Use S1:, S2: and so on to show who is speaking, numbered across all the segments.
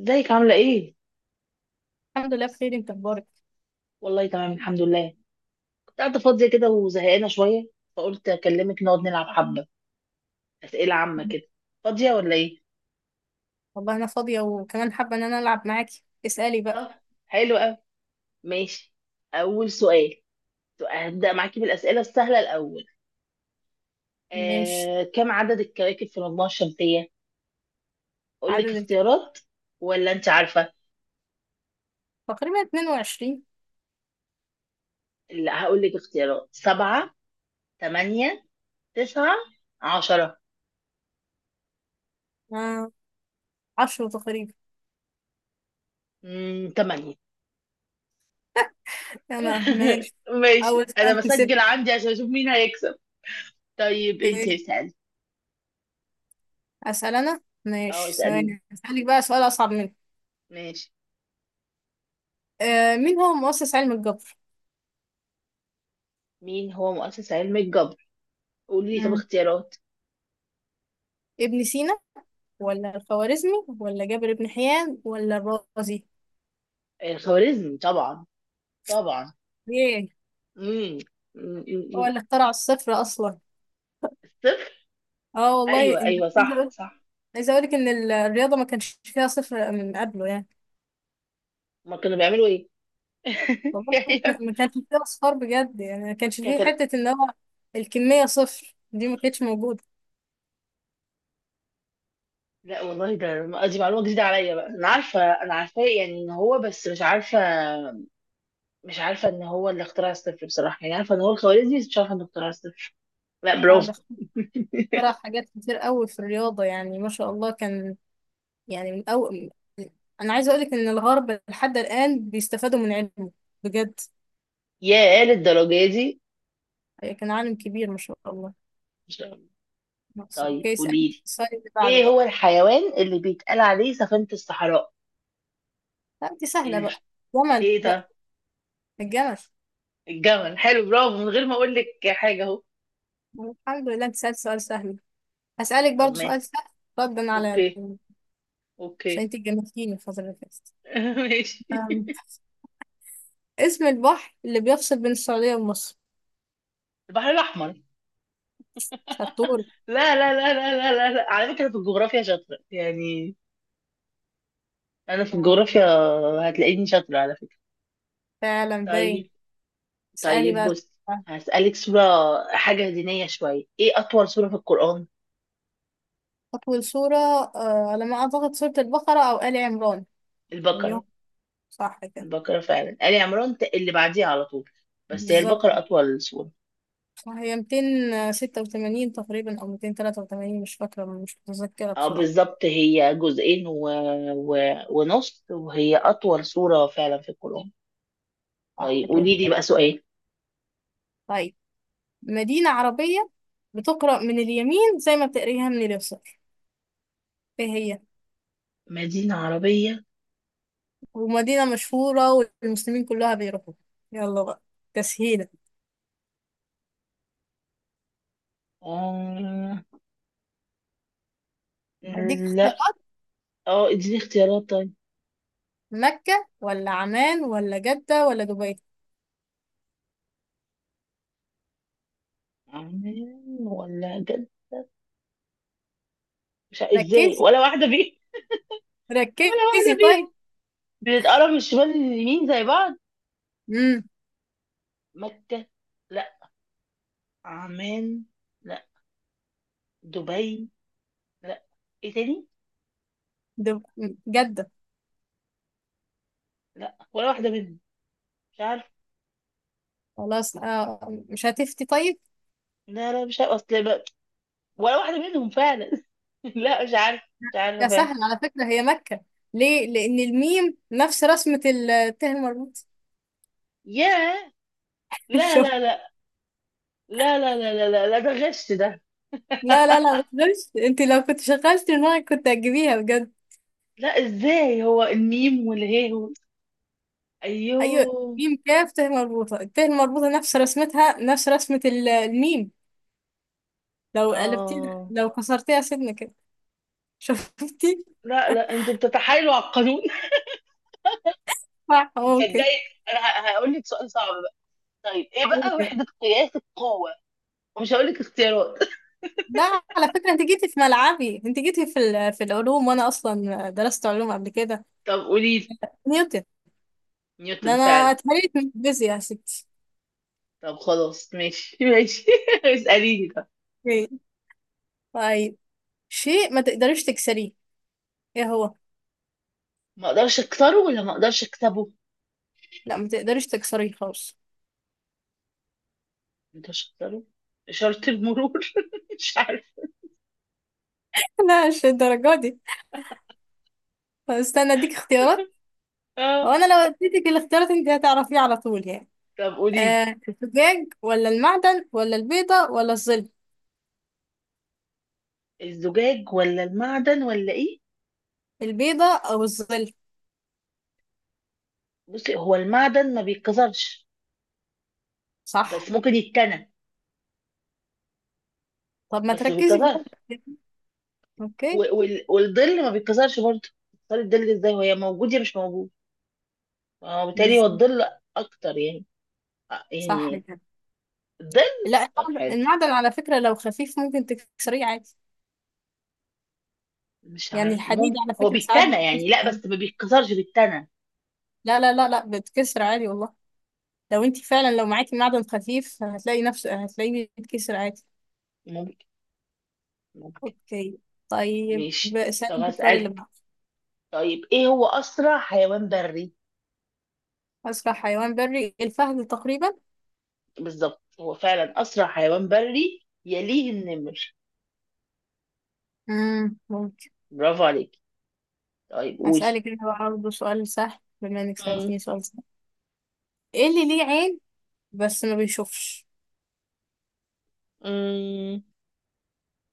S1: ازيك عاملة ايه؟
S2: الحمد لله بخير، انت اخبارك؟
S1: والله تمام الحمد لله. كنت قاعدة فاضية كده وزهقانة شوية، فقلت اكلمك نقعد نلعب حبة أسئلة عامة كده. فاضية ولا ايه؟
S2: والله انا فاضيه وكمان حابه ان انا العب معاكي. اسالي بقى.
S1: طب، حلو قوي. ماشي. أول سؤال، هبدأ معاكي بالأسئلة السهلة الأول.
S2: ماشي.
S1: كم عدد الكواكب في المجموعة الشمسية؟ أقول
S2: عدد
S1: لك
S2: الك...
S1: اختيارات ولا أنت عارفة؟
S2: تقريبا 22.
S1: لا، هقول لك اختيارات: سبعة، تمانية، تسعة، 10.
S2: آه. 10 تقريبا.
S1: تمانية.
S2: انا ماشي. اول
S1: ماشي، أنا
S2: سؤال كسبت.
S1: بسجل عندي عشان أشوف مين هيكسب. طيب انتي
S2: اوكي.
S1: اسألي.
S2: اسال انا
S1: اه
S2: ماشي
S1: اسألي.
S2: ثواني، اسالك بقى سؤال اصعب منه.
S1: ماشي.
S2: مين هو مؤسس علم الجبر؟
S1: مين هو مؤسس علم الجبر؟ قولي لي طب
S2: مم.
S1: اختيارات.
S2: ابن سينا ولا الخوارزمي ولا جابر بن حيان ولا الرازي؟
S1: الخوارزمي طبعا، طبعا.
S2: ايه،
S1: امم
S2: هو اللي اخترع الصفر اصلا.
S1: صفر.
S2: اه والله،
S1: ايوه
S2: انت
S1: ايوه،
S2: عايزه
S1: صح
S2: اقول.
S1: صح.
S2: عايزة أقولك إن الرياضة ما كانش فيها صفر من قبله يعني.
S1: ما كانوا بيعملوا ايه؟
S2: والله
S1: يعني
S2: ما كانش فيها أصفار بجد، يعني ما كانش فيه
S1: كانت ال-
S2: حتة إن هو الكمية صفر دي ما كانتش موجودة.
S1: لا والله، ده دي معلومة جديدة عليا بقى. انا عارفة، انا عارفاه يعني ان هو، بس مش عارفة. مش عارفة ان هو اللي اخترع الصفر بصراحة، يعني عارفة ان هو الخوارزمي بس مش عارفة انه اخترع الصفر. لا،
S2: أنا
S1: برافو.
S2: بختار حاجات كتير قوي في الرياضة، يعني ما شاء الله كان. يعني من أول. أنا عايزة أقولك إن الغرب لحد الآن بيستفادوا من علمه، بجد.
S1: ياه، للدرجة دي!
S2: كان عالم كبير ما شاء الله.
S1: مش-
S2: مصر.
S1: طيب
S2: أوكي، اسألني
S1: قولي لي،
S2: السؤال اللي بعده
S1: ايه
S2: بقى.
S1: هو الحيوان اللي بيتقال عليه سفينة الصحراء؟
S2: لا دي سهلة
S1: ال...
S2: بقى. جمل
S1: ايه
S2: بقى.
S1: ده؟
S2: الجمل.
S1: الجمل، حلو، برافو من غير ما اقول لك حاجة اهو.
S2: الحمد لله أنت سألت سؤال سهل. هسألك
S1: طب
S2: برضو سؤال
S1: ماشي.
S2: سهل. ردا على.
S1: اوكي
S2: عشان
S1: اوكي.
S2: انت جننتيني الفترة اللي فاتت.
S1: ماشي.
S2: أم، اسم البحر اللي بيفصل بين السعودية ومصر.
S1: البحر الاحمر.
S2: شطور.
S1: لا لا لا لا لا لا، لا. على فكرة في الجغرافيا شاطرة يعني، انا في
S2: آه،
S1: الجغرافيا هتلاقيني شاطرة على فكرة.
S2: فعلا باين.
S1: طيب.
S2: اسألي
S1: طيب
S2: بقى.
S1: بص، هسألك سورة، حاجة دينية شوية. ايه اطول سورة في القرآن؟
S2: أطول سورة، على ما أعتقد سورة البقرة أو آل عمران. أيوه،
S1: البقرة.
S2: صح كده.
S1: البقرة فعلا، آل عمران اللي بعديها على طول، بس هي
S2: بالظبط.
S1: البقرة اطول سورة.
S2: صح، هي 286 تقريبا أو 283، مش فاكرة، مش متذكرة
S1: اه
S2: بصراحة.
S1: بالظبط، هي جزئين و... ونص، وهي أطول سورة فعلا في القرآن.
S2: صح
S1: طيب
S2: كده.
S1: قولي لي بقى سؤال.
S2: طيب، مدينة عربية بتقرأ من اليمين زي ما بتقريها من اليسار، ايه هي؟
S1: مدينة عربية.
S2: ومدينة مشهورة والمسلمين كلها بيروحوا. يلا بقى، تسهيلة.
S1: آه...
S2: هديك
S1: لا،
S2: اختيارات.
S1: اه اديني اختيارات طيب.
S2: مكة ولا عمان ولا جدة ولا دبي؟
S1: عمان ولا جد، مش ع- ازاي
S2: ركزي
S1: ولا واحدة فيهم؟ ولا
S2: ركزي
S1: واحدة
S2: طيب.
S1: فيهم، بنتقرب من الشمال لليمين زي بعض.
S2: امم
S1: مكة، لا. عمان، لا. دبي، لا. ايه تاني؟
S2: دب... جدة.
S1: لا، ولا واحدة منهم. مش عارف.
S2: خلاص مش هتفتي طيب.
S1: لا لا، مش عارف، ولا واحدة منهم فعلا. لا مش عارف. مش
S2: يا
S1: عارفة.
S2: سهل، على فكرة هي مكة. ليه؟ لأن الميم نفس رسمة الته المربوط.
S1: ياه. لا
S2: شوف.
S1: لا لا لا لا لا لا لا، لا ده غش ده.
S2: لا لا لا، ما تقدرش. انت لو كنت شغلت دماغك كنت هتجيبيها بجد.
S1: لا، ازاي؟ هو الميم والهي ايوه.
S2: ايوه. ميم كاف ته مربوطة، الته المربوطة نفس رسمتها، نفس رسمة الميم. لو قلبتيه،
S1: اه،
S2: لو كسرتيها سنة كده. شفتي؟
S1: لا لا انتوا بتتحايلوا على القانون.
S2: صح، ممكن.
S1: تصدقي، انا هقول لك سؤال صعب بقى. طيب ايه بقى وحدة قياس القوة؟ ومش هقول لك اختيارات.
S2: لا على فكرة، انت جيتي في ملعبي، انت جيتي في في العلوم، وانا اصلا درست علوم قبل كده.
S1: طب قولي لي.
S2: نيوتن. ده
S1: نيوتن
S2: انا
S1: فعلا.
S2: اتهريت من الفيزياء يا ستي.
S1: طب خلاص ماشي. ماشي، اسأليني بقى.
S2: إيه. طيب، شيء ما تقدريش تكسريه، ايه هو؟
S1: ما اقدرش اكسره ولا ما اقدرش اكسبه؟
S2: لا، ما تقدريش تكسريه خالص.
S1: ما اقدرش اكسره. إشارة المرور. مش
S2: لا مش الدرجة دي. طب استنى اديك اختيارات. هو
S1: عارفة.
S2: انا لو اديتك الاختيارات انت هتعرفيه على طول يعني.
S1: طب قولي لي،
S2: الزجاج ولا المعدن ولا البيضة ولا الظل؟
S1: الزجاج ولا المعدن ولا ايه؟
S2: البيضة او الظل.
S1: بصي، هو المعدن ما بيتكسرش
S2: صح.
S1: بس ممكن يتكنى،
S2: طب ما
S1: بس ما
S2: تركزي في
S1: بيتكسرش.
S2: واحدة. اوكي.
S1: والظل ما بيتكسرش برضه، تكسري الظل ازاي وهي موجود يا مش موجود. اه بالتالي
S2: بس-
S1: هو الظل اكتر يعني.
S2: صح
S1: يعني
S2: كده.
S1: الظل،
S2: لا
S1: طب
S2: المعدن،
S1: حلو.
S2: المعدن على فكرة لو خفيف ممكن تكسريه عادي.
S1: مش
S2: يعني
S1: عارف
S2: الحديد
S1: ممكن
S2: على
S1: هو
S2: فكرة ساعات
S1: بيتنى
S2: بيتكسر
S1: يعني، لا
S2: عادي.
S1: بس ما بيتكسرش بيتنى.
S2: لا لا لا لا، بتكسر عادي والله. لو انت فعلا، لو معاكي معدن خفيف هتلاقي نفسه، هتلاقيه بيتكسر عادي.
S1: ممكن، ممكن.
S2: اوكي. طيب،
S1: ماشي. طب
S2: سألت السؤال اللي
S1: هسألك،
S2: بعده.
S1: طيب ايه هو اسرع حيوان بري؟
S2: أسرع حيوان بري الفهد تقريبا.
S1: بالظبط، هو فعلا أسرع حيوان بري، يليه النمر.
S2: ممكن.
S1: برافو عليك. طيب قولي.
S2: هسألك انا بقى برضه سؤال سهل بما انك
S1: مم.
S2: سألتني سؤال سهل. ايه اللي ليه عين بس ما بيشوفش؟
S1: مم.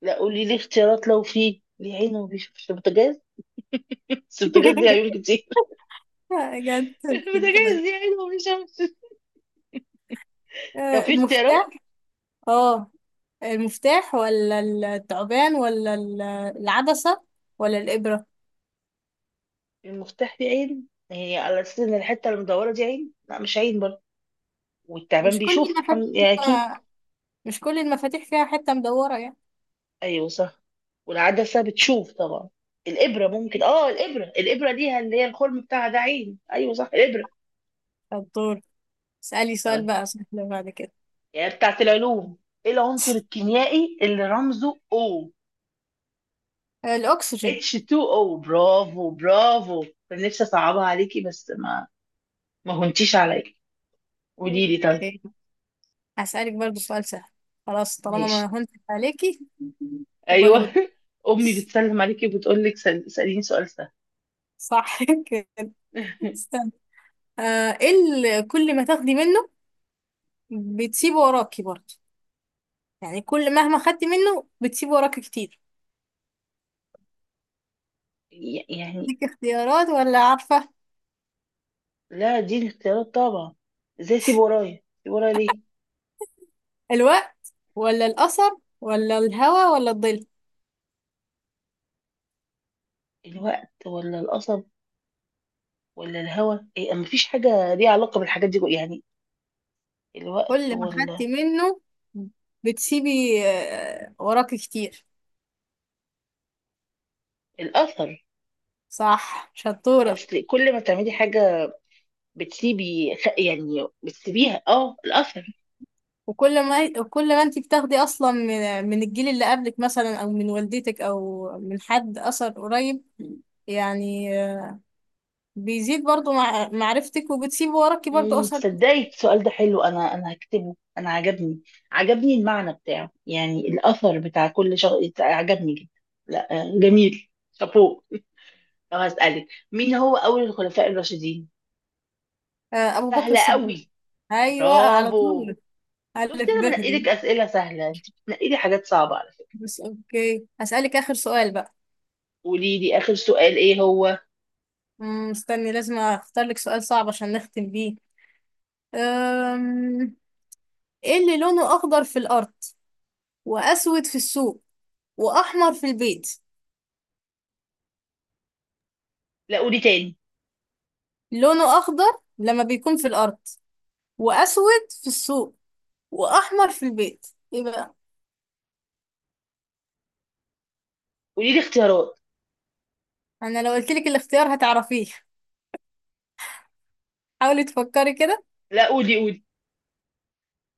S1: لا قولي لي اختيارات، لو في. ليه عين وما بيشوفش؟ البوتاجاز، بس البوتاجاز ليه عيون كتير.
S2: قاعد تهبل
S1: البوتاجاز
S2: كده.
S1: ليه عين وما بيشوفش. لو في
S2: المفتاح.
S1: اختيارات.
S2: اه المفتاح ولا التعبان ولا العدسة ولا الإبرة؟
S1: المفتاح ليه عين، هي على أساس إن الحتة المدورة دي عين، لا مش عين برضه. والتعبان
S2: مش كل
S1: بيشوف الحمد
S2: المفاتيح
S1: لله أكيد.
S2: مش كل المفاتيح فيها حتة مدورة يعني.
S1: أيوه صح. والعدسة بتشوف طبعا. الإبرة ممكن، الإبرة ليها اللي هي الخرم بتاعها، ده عين، أيوه صح الإبرة.
S2: الدور. اسألي سؤال
S1: طيب،
S2: بقى سهل بعد كده.
S1: يعني بتاعت العلوم. ايه العنصر الكيميائي اللي رمزه O؟
S2: الأكسجين.
S1: H2O، برافو برافو! كان نفسي اصعبها عليكي بس ما، ما هونتيش عليا. قولي لي طيب.
S2: اوكي، هسألك برضو سؤال سهل. خلاص، طالما ما
S1: ماشي.
S2: هنت عليكي يبقى
S1: ايوه.
S2: نرد.
S1: امي بتسلم عليكي وبتقول لك سأليني سؤال سهل.
S2: صح كده. استنى. ايه اللي كل ما تاخدي منه بتسيبه وراكي برضه؟ يعني كل مهما خدتي منه بتسيب وراك كتير.
S1: يعني.
S2: ديك اختيارات ولا عارفة؟
S1: لا دي الاختيارات طبعا. ازاي اسيب ورايا، اسيب ورايا ليه؟
S2: الوقت ولا الأثر ولا الهوى ولا الظل؟
S1: الوقت ولا القصب ولا الهوا، ايه؟ ما فيش حاجه ليها علاقه بالحاجات دي، يعني الوقت
S2: كل ما
S1: ولا
S2: خدتي منه بتسيبي وراك كتير.
S1: الاثر.
S2: صح، شطورة.
S1: اصل كل ما تعملي حاجه، بتسيبي يعني بتسيبيها، اه الاثر.
S2: وكل ما انتي بتاخدي أصلا من الجيل اللي قبلك، مثلا أو من والدتك أو من حد أثر قريب، يعني بيزيد برضو مع معرفتك وبتسيب وراكي برضو
S1: امم،
S2: أثر كتير.
S1: تصدقي السؤال ده حلو، انا هكتبه. انا عجبني، عجبني المعنى بتاعه، يعني الاثر بتاع كل شخص. عجبني جدا. لا جميل شابوه. لو هسألك، مين هو اول الخلفاء الراشدين؟
S2: أبو بكر
S1: سهلة
S2: الصديق.
S1: قوي.
S2: أيوة على
S1: برافو.
S2: طول.
S1: شفتي؟
S2: ألف ب
S1: انا بنقي
S2: دي.
S1: لك اسئله سهله، انت بتنقي لي حاجات صعبه على فكره.
S2: بس أوكي، هسألك آخر سؤال بقى.
S1: قولي لي اخر سؤال ايه هو.
S2: استني لازم أختار لك سؤال صعب عشان نختم بيه. أم... إيه اللي لونه أخضر في الأرض وأسود في السوق وأحمر في البيت؟
S1: لا قولي تاني.
S2: لونه أخضر لما بيكون في الأرض، وأسود في السوق، وأحمر في البيت. إيه بقى؟
S1: قولي لي اختيارات.
S2: أنا لو قلت لك الاختيار هتعرفيه. حاولي تفكري كده.
S1: لا قولي قولي.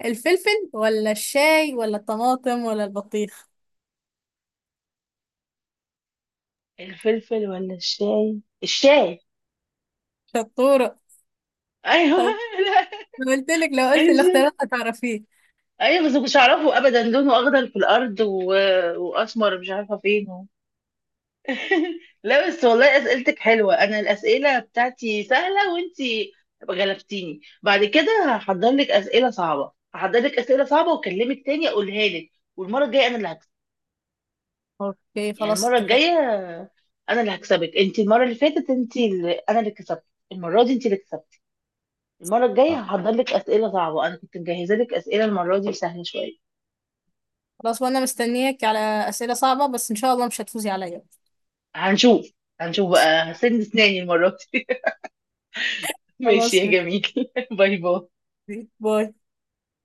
S2: الفلفل ولا الشاي ولا الطماطم ولا البطيخ؟
S1: الفلفل ولا الشاي؟ الشاي.
S2: شطورة.
S1: ايوه
S2: طب
S1: لا.
S2: قلت لك لو قلت
S1: انزل.
S2: الاختيارات هتعرفيه.
S1: ايوه بس ما كنتش اعرفه ابدا، لونه اخضر في الارض واسمر مش عارفه فين لا بس والله اسئلتك حلوه، انا الاسئله بتاعتي سهله وانتي غلبتيني. بعد كده هحضر لك اسئله صعبه، هحضر لك اسئله صعبه واكلمك تاني اقولها لك. والمره الجايه انا اللي هكسب.
S2: اوكي
S1: يعني
S2: خلاص،
S1: المره
S2: اتفقنا.
S1: الجايه انا اللي هكسبك انت. المره اللي فاتت انت اللي... انا اللي كسبت. المره دي انت اللي كسبت. المره الجايه هحضر لك اسئله صعبه، انا كنت مجهزه لك اسئله المره دي سهله شويه.
S2: خلاص، وانا مستنياك على اسئلة صعبة، بس ان شاء الله مش هتفوزي عليا.
S1: هنشوف، هنشوف بقى، هسن اسناني المرة دي. ماشي يا
S2: خلاص، ميرسي.
S1: جميل. باي باي.
S2: باي